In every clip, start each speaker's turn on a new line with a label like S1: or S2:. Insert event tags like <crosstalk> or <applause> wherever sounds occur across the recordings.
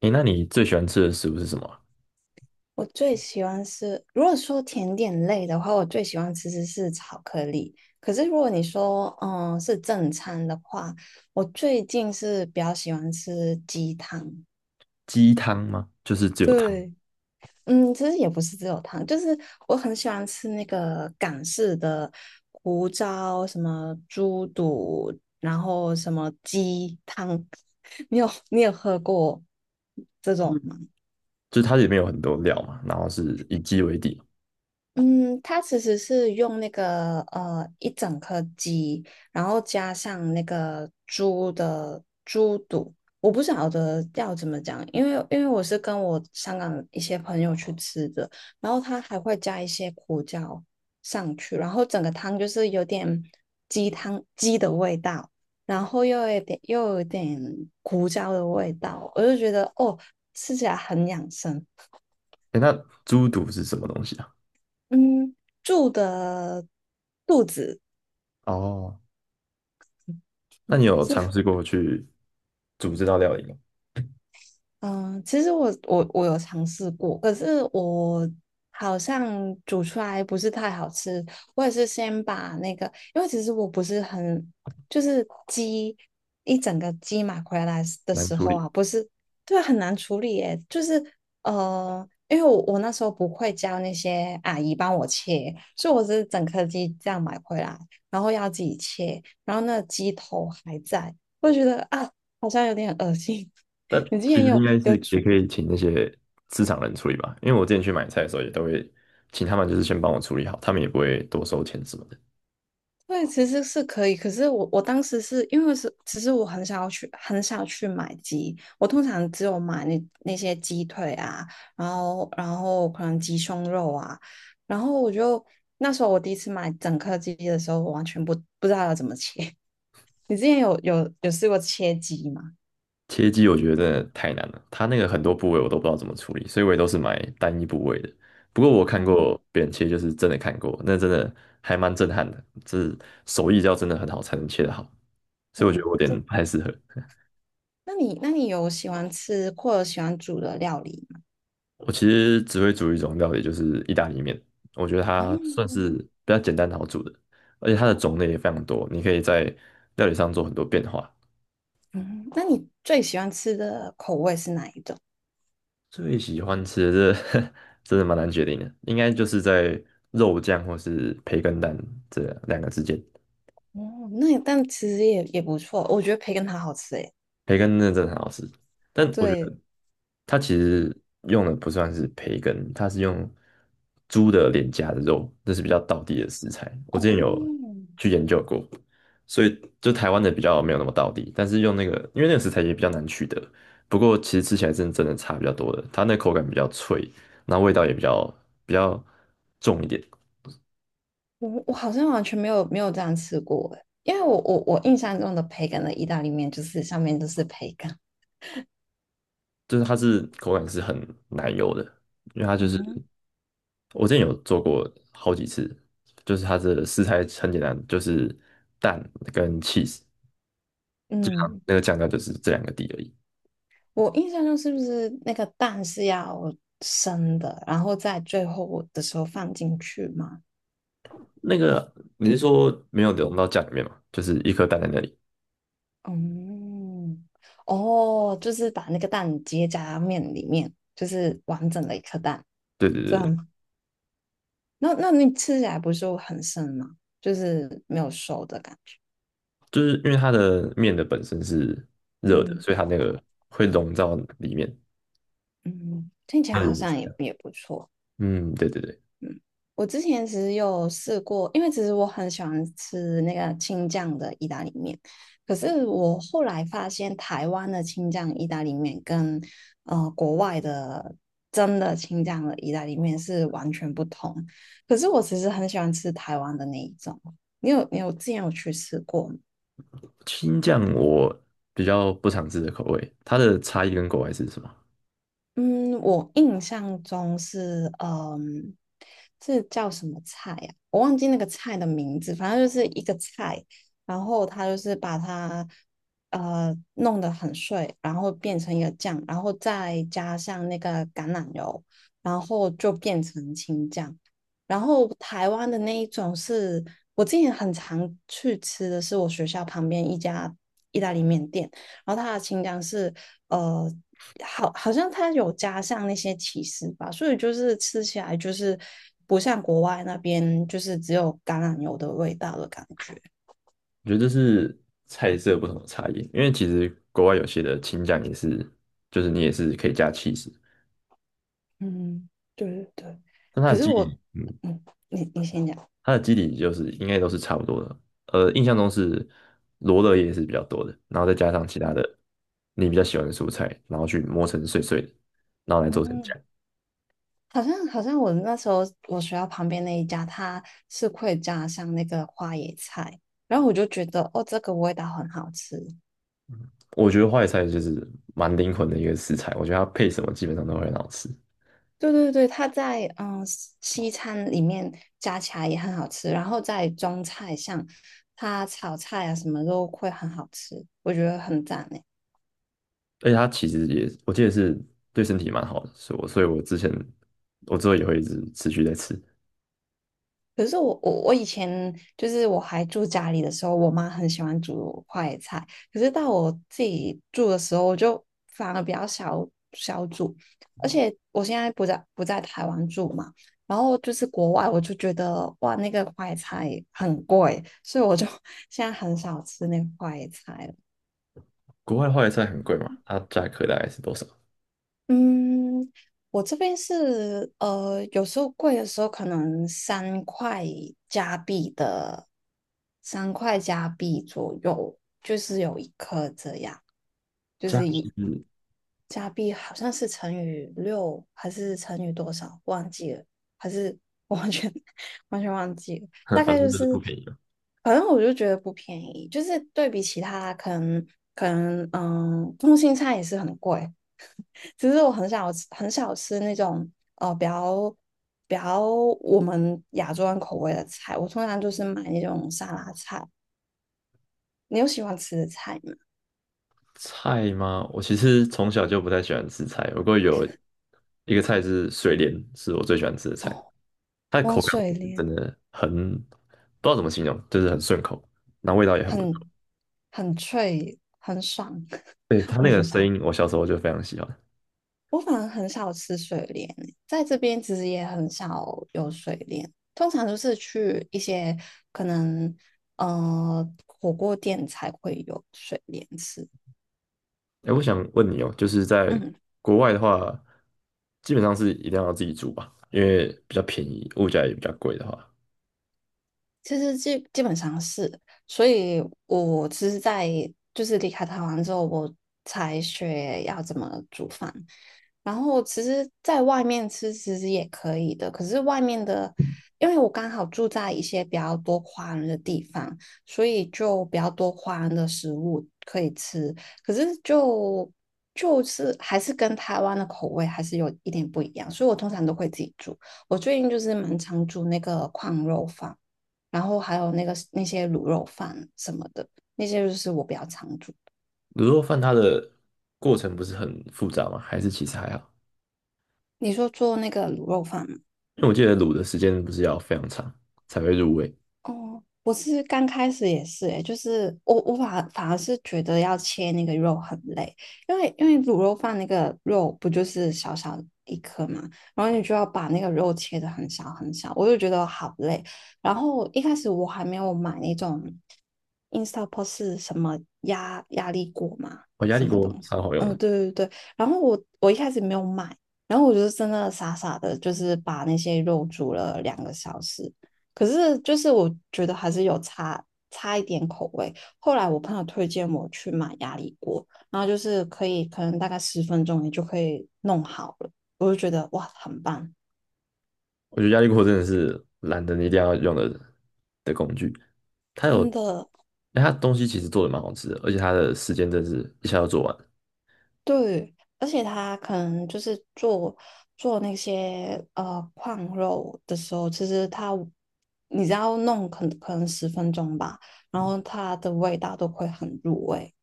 S1: 诶，那你最喜欢吃的食物是什么啊。
S2: 我最喜欢吃，如果说甜点类的话，我最喜欢吃的是巧克力。可是如果你说，是正餐的话，我最近是比较喜欢吃鸡汤。
S1: 鸡汤吗？就是只有汤，
S2: 对。其实也不是只有汤，就是我很喜欢吃那个港式的胡椒，什么猪肚，然后什么鸡汤。<laughs> 你有喝过这种
S1: 嗯
S2: 吗？
S1: 就是它里面有很多料嘛，然后是以鸡为底。
S2: 嗯，它其实是用那个一整颗鸡，然后加上那个猪的猪肚，我不晓得要怎么讲，因为我是跟我香港一些朋友去吃的，然后它还会加一些胡椒上去，然后整个汤就是有点鸡汤鸡的味道，然后又有点胡椒的味道，我就觉得哦，吃起来很养生。
S1: 诶，那猪肚是什么东西啊？
S2: 嗯，住的肚子。
S1: 哦，那你有尝
S2: 是。
S1: 试过去煮这道料理吗？
S2: 嗯、其实我有尝试过，可是我好像煮出来不是太好吃。我也是先把那个，因为其实我不是很，就是鸡一整个鸡买回来的
S1: 难
S2: 时
S1: 处
S2: 候
S1: 理。
S2: 啊，不是。对，很难处理耶。就是因为我那时候不会教那些阿姨帮我切，所以我是整颗鸡这样买回来，然后要自己切，然后那个鸡头还在，我就觉得啊，好像有点恶心。
S1: 但
S2: 你之
S1: 其
S2: 前
S1: 实应
S2: 有
S1: 该是
S2: 有
S1: 也
S2: 煮？
S1: 可以请那些市场人处理吧，因为我之前去买菜的时候也都会请他们，就是先帮我处理好，他们也不会多收钱什么的。
S2: 对，其实是可以。可是我当时是因为是，其实我很少去买鸡，我通常只有买那些鸡腿啊，然后可能鸡胸肉啊，然后我就那时候我第一次买整颗鸡的时候，我完全不知道要怎么切。<laughs> 你之前有试过切鸡吗？
S1: 切鸡我觉得真的太难了，它那个很多部位我都不知道怎么处理，所以我也都是买单一部位的。不过我看
S2: 嗯，
S1: 过别人切，就是真的看过，那真的还蛮震撼的，这手艺要真的很好才能切得好，所以我觉得
S2: 哦，
S1: 我有
S2: 这，
S1: 点不太适合。
S2: 那你有喜欢吃或者喜欢煮的料理吗？
S1: 我其实只会煮一种料理，就是意大利面。我觉得它算是
S2: 哦，
S1: 比较简单好煮的，而且它的种类也非常多，你可以在料理上做很多变化。
S2: 嗯，那你最喜欢吃的口味是哪一种？
S1: 最喜欢吃的这 <laughs> 真的蛮难决定的，应该就是在肉酱或是培根蛋这两个之间。
S2: 哦，那也但其实也不错，我觉得培根它好吃诶。
S1: 培根真的很好吃，但我觉
S2: 对，
S1: 得它其实用的不算是培根，它是用猪的脸颊的肉，这是比较道地的食材。我之前有
S2: 哦，
S1: 去研究过，所以就台湾的比较没有那么道地，但是用那个，因为那个食材也比较难取得，不过其实吃起来真的差比较多的，它那口感比较脆，然后味道也比较重一点。
S2: 我我好像完全没有这样吃过诶，因为我印象中的培根的意大利面就是上面都是培根。
S1: 就是它是口感是很奶油的，因为它就是
S2: 嗯
S1: 我之前有做过好几次，就是它的食材很简单，就是蛋跟 cheese，
S2: 嗯，
S1: 那个酱料就是这两个底而已。
S2: 我印象中是不是那个蛋是要生的，然后在最后的时候放进去嘛？
S1: 那个你是说没有融到酱里面吗？就是一颗蛋在那里。
S2: 嗯，哦，就是把那个蛋结夹在面里面，就是完整的一颗蛋，
S1: 对对
S2: 这
S1: 对，
S2: 样那那你吃起来不是很生吗？就是没有熟的感觉。
S1: 就是因为它的面的本身是热的，
S2: 嗯
S1: 所以它那个会融到里面。
S2: 嗯，听起来
S1: 那
S2: 好
S1: 原理是
S2: 像
S1: 这
S2: 也
S1: 样。
S2: 也不错。
S1: 嗯，对对对。
S2: 我之前其实有试过，因为其实我很喜欢吃那个青酱的意大利面，可是我后来发现台湾的青酱意大利面跟国外的真的青酱的意大利面是完全不同。可是我其实很喜欢吃台湾的那一种，你有之前有去吃过吗？
S1: 青酱我比较不常吃的口味，它的差异跟国外是什么？
S2: 嗯，我印象中是，嗯，这叫什么菜呀、我忘记那个菜的名字，反正就是一个菜，然后它就是把它弄得很碎，然后变成一个酱，然后再加上那个橄榄油，然后就变成青酱。然后台湾的那一种是我之前很常去吃的是我学校旁边一家意大利面店，然后它的青酱是。呃。好，好像它有加上那些起司吧，所以就是吃起来就是不像国外那边就是只有橄榄油的味道的感觉。
S1: 我觉得这是菜色不同的差异，因为其实国外有些的青酱也是，就是你也是可以加 c h
S2: 嗯，对对对。
S1: 但它的
S2: 可是
S1: 基底，
S2: 我，嗯，你你先讲。
S1: 它的基底就是应该都是差不多的。印象中是罗勒叶是比较多的，然后再加上其他的你比较喜欢的蔬菜，然后去磨成碎碎的，然后来做成酱。
S2: 嗯，好像我那时候我学校旁边那一家，它是会加上那个花椰菜，然后我就觉得哦，这个味道很好吃。
S1: 我觉得花坏菜就是蛮灵魂的一个食材，我觉得它配什么基本上都会很好吃。
S2: 对对对，它在西餐里面加起来也很好吃，然后在中菜上，它炒菜啊什么都会很好吃，我觉得很赞诶。
S1: 而且它其实也，我记得是对身体蛮好的，所以我之前我之后也会一直持续在吃。
S2: 可是我以前就是我还住家里的时候，我妈很喜欢煮快菜。可是到我自己住的时候，我就反而比较少煮。而且我现在不在台湾住嘛，然后就是国外，我就觉得哇，那个快菜很贵，所以我就 <laughs> 现在很少吃那个快菜了。
S1: 国外的花椰菜很贵嘛，它价格大概是多少？
S2: 嗯，我这边是有时候贵的时候可能三块加币的，三块加币左右，就是有一颗这样，就
S1: 价格
S2: 是一
S1: 是，<laughs>
S2: 加币好像是乘以六还是乘以多少忘记了，还是我完全 <laughs> 完全忘记了，
S1: 反
S2: 大概
S1: 正
S2: 就
S1: 就是不
S2: 是，
S1: 便宜了。
S2: 反正我就觉得不便宜，就是对比其他可能嗯，通心菜也是很贵。其实我很少吃，很少吃那种比较比较我们亚洲人口味的菜，我通常就是买那种沙拉菜。你有喜欢吃的菜吗？
S1: 菜吗？我其实从小就不太喜欢吃菜，不过有一个菜是水莲，是我最喜欢吃的菜，
S2: 哦，
S1: 它的口
S2: 莴
S1: 感我
S2: 笋
S1: 觉得
S2: 莲
S1: 真的很，不知道怎么形容，就是很顺口，然后味道也很不错。
S2: 很很脆，很爽，
S1: 对，它
S2: <laughs> 我
S1: 那
S2: 不
S1: 个
S2: 知
S1: 声
S2: 道
S1: 音，我小时候就非常喜欢。
S2: 我反而很少吃水莲欸，在这边其实也很少有水莲，通常都是去一些可能火锅店才会有水莲吃。
S1: 哎，我想问你哦，就是在
S2: 嗯。
S1: 国外的话，基本上是一定要自己煮吧，因为比较便宜，物价也比较贵的话。
S2: 其实基本上是，所以我其实，在就是离开台湾之后，我才学要怎么煮饭。然后其实在外面吃其实也可以的，可是外面的，因为我刚好住在一些比较多华人的地方，所以就比较多华人的食物可以吃。可是就是还是跟台湾的口味还是有一点不一样，所以我通常都会自己煮。我最近就是蛮常煮那个矿肉饭。然后还有那些卤肉饭什么的，那些就是我比较常煮。
S1: 卤肉饭它的过程不是很复杂吗？还是其实还好？
S2: 你说做那个卤肉饭吗？
S1: 因为我记得卤的时间不是要非常长才会入味。
S2: 哦，我是刚开始也是诶，就是我反而是觉得要切那个肉很累，因为卤肉饭那个肉不就是小小一颗嘛，然后你就要把那个肉切得很小很小，我就觉得好累。然后一开始我还没有买那种 Instapot 是什么压力锅嘛，
S1: 我压
S2: 什
S1: 力
S2: 么
S1: 锅
S2: 东西？
S1: 超好用
S2: 嗯，
S1: 的。
S2: 对对对。然后我一开始没有买，然后我就是真的傻傻的，就是把那些肉煮了2个小时。可是就是我觉得还是有差一点口味。后来我朋友推荐我去买压力锅，然后就是可以可能大概十分钟你就可以弄好了，我就觉得哇很棒，
S1: 我觉得压力锅真的是懒人一定要用的工具。它有，
S2: 真的
S1: 哎它东西其实做的蛮好吃的，而且它的时间真的是一下就做完。
S2: 对。而且它可能就是做做那些矿肉的时候，其实它你只要弄可能十分钟吧，然后它的味道都会很入味。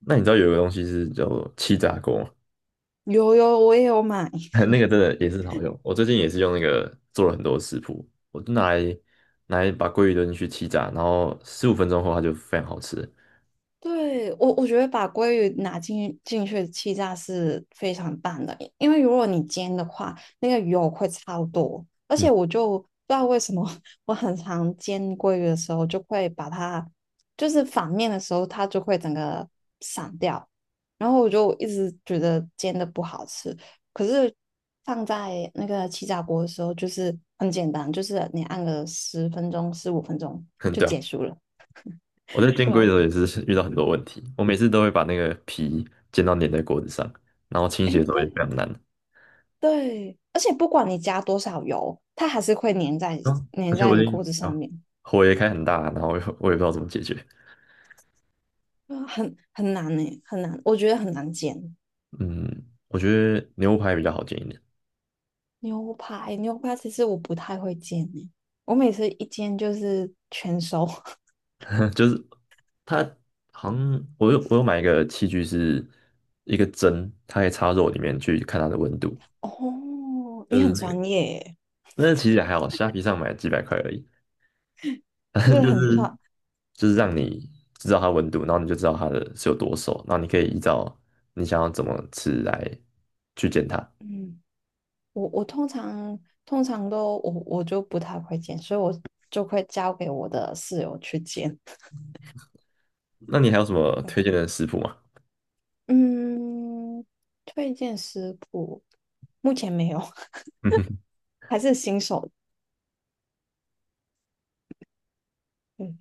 S1: 那你知道有一个东西是叫做气炸锅吗？
S2: 有有，我也有买。
S1: <laughs>
S2: <laughs>
S1: 那个真的也是好用。我最近也是用那个做了很多食谱，我就拿来把鲑鱼丢进去气炸，然后15分钟后它就非常好吃。
S2: 对，我觉得把鲑鱼拿进去气炸是非常棒的，因为如果你煎的话，那个油会超多，而
S1: 嗯。
S2: 且我就不知道为什么 <laughs>，我很常煎鲑鱼的时候就会把它，就是反面的时候它就会整个散掉，然后我就一直觉得煎的不好吃，可是放在那个气炸锅的时候就是很简单，就是你按个十分钟、15分钟
S1: <laughs>
S2: 就
S1: 对啊，
S2: 结束了。
S1: 我在煎
S2: 对
S1: 龟的
S2: 啊，
S1: 时候也是遇到很多问题，我每次都会把那个皮煎到粘在锅子上，然后清洗
S2: 哎，
S1: 的时候也非
S2: 对，
S1: 常难。
S2: 对，而且不管你加多少油，它还是会粘在
S1: 啊，而
S2: 粘
S1: 且
S2: 在
S1: 我
S2: 你
S1: 已经
S2: 锅子上
S1: 啊，
S2: 面，
S1: 火也开很大，然后我也不知道怎么解决。
S2: 啊很难呢、很难，我觉得很难煎
S1: 嗯，我觉得牛排比较好煎一点。
S2: 牛排。牛排其实我不太会煎呢、我每次一煎就是全熟。<laughs>
S1: <laughs> 就是它好像我买一个器具是一个针，它可以插肉里面去看它的温度，
S2: 哦，
S1: 就
S2: 你
S1: 是
S2: 很
S1: 那个
S2: 专业耶，
S1: 那其实也还好，虾皮上买几百块而已，<laughs> 但
S2: 就
S1: 是
S2: 是
S1: 就
S2: 很
S1: 是
S2: 专。
S1: 就是让你知道它温度，然后你就知道它的是有多熟，然后你可以依照你想要怎么吃来去煎它。
S2: 嗯，我通常都我就不太会煎，所以我就会交给我的室友去煎。
S1: 那你还有什么推荐
S2: <laughs>
S1: 的食谱吗？
S2: 嗯，推荐食谱目前没有。
S1: <laughs>
S2: 还是新手，嗯，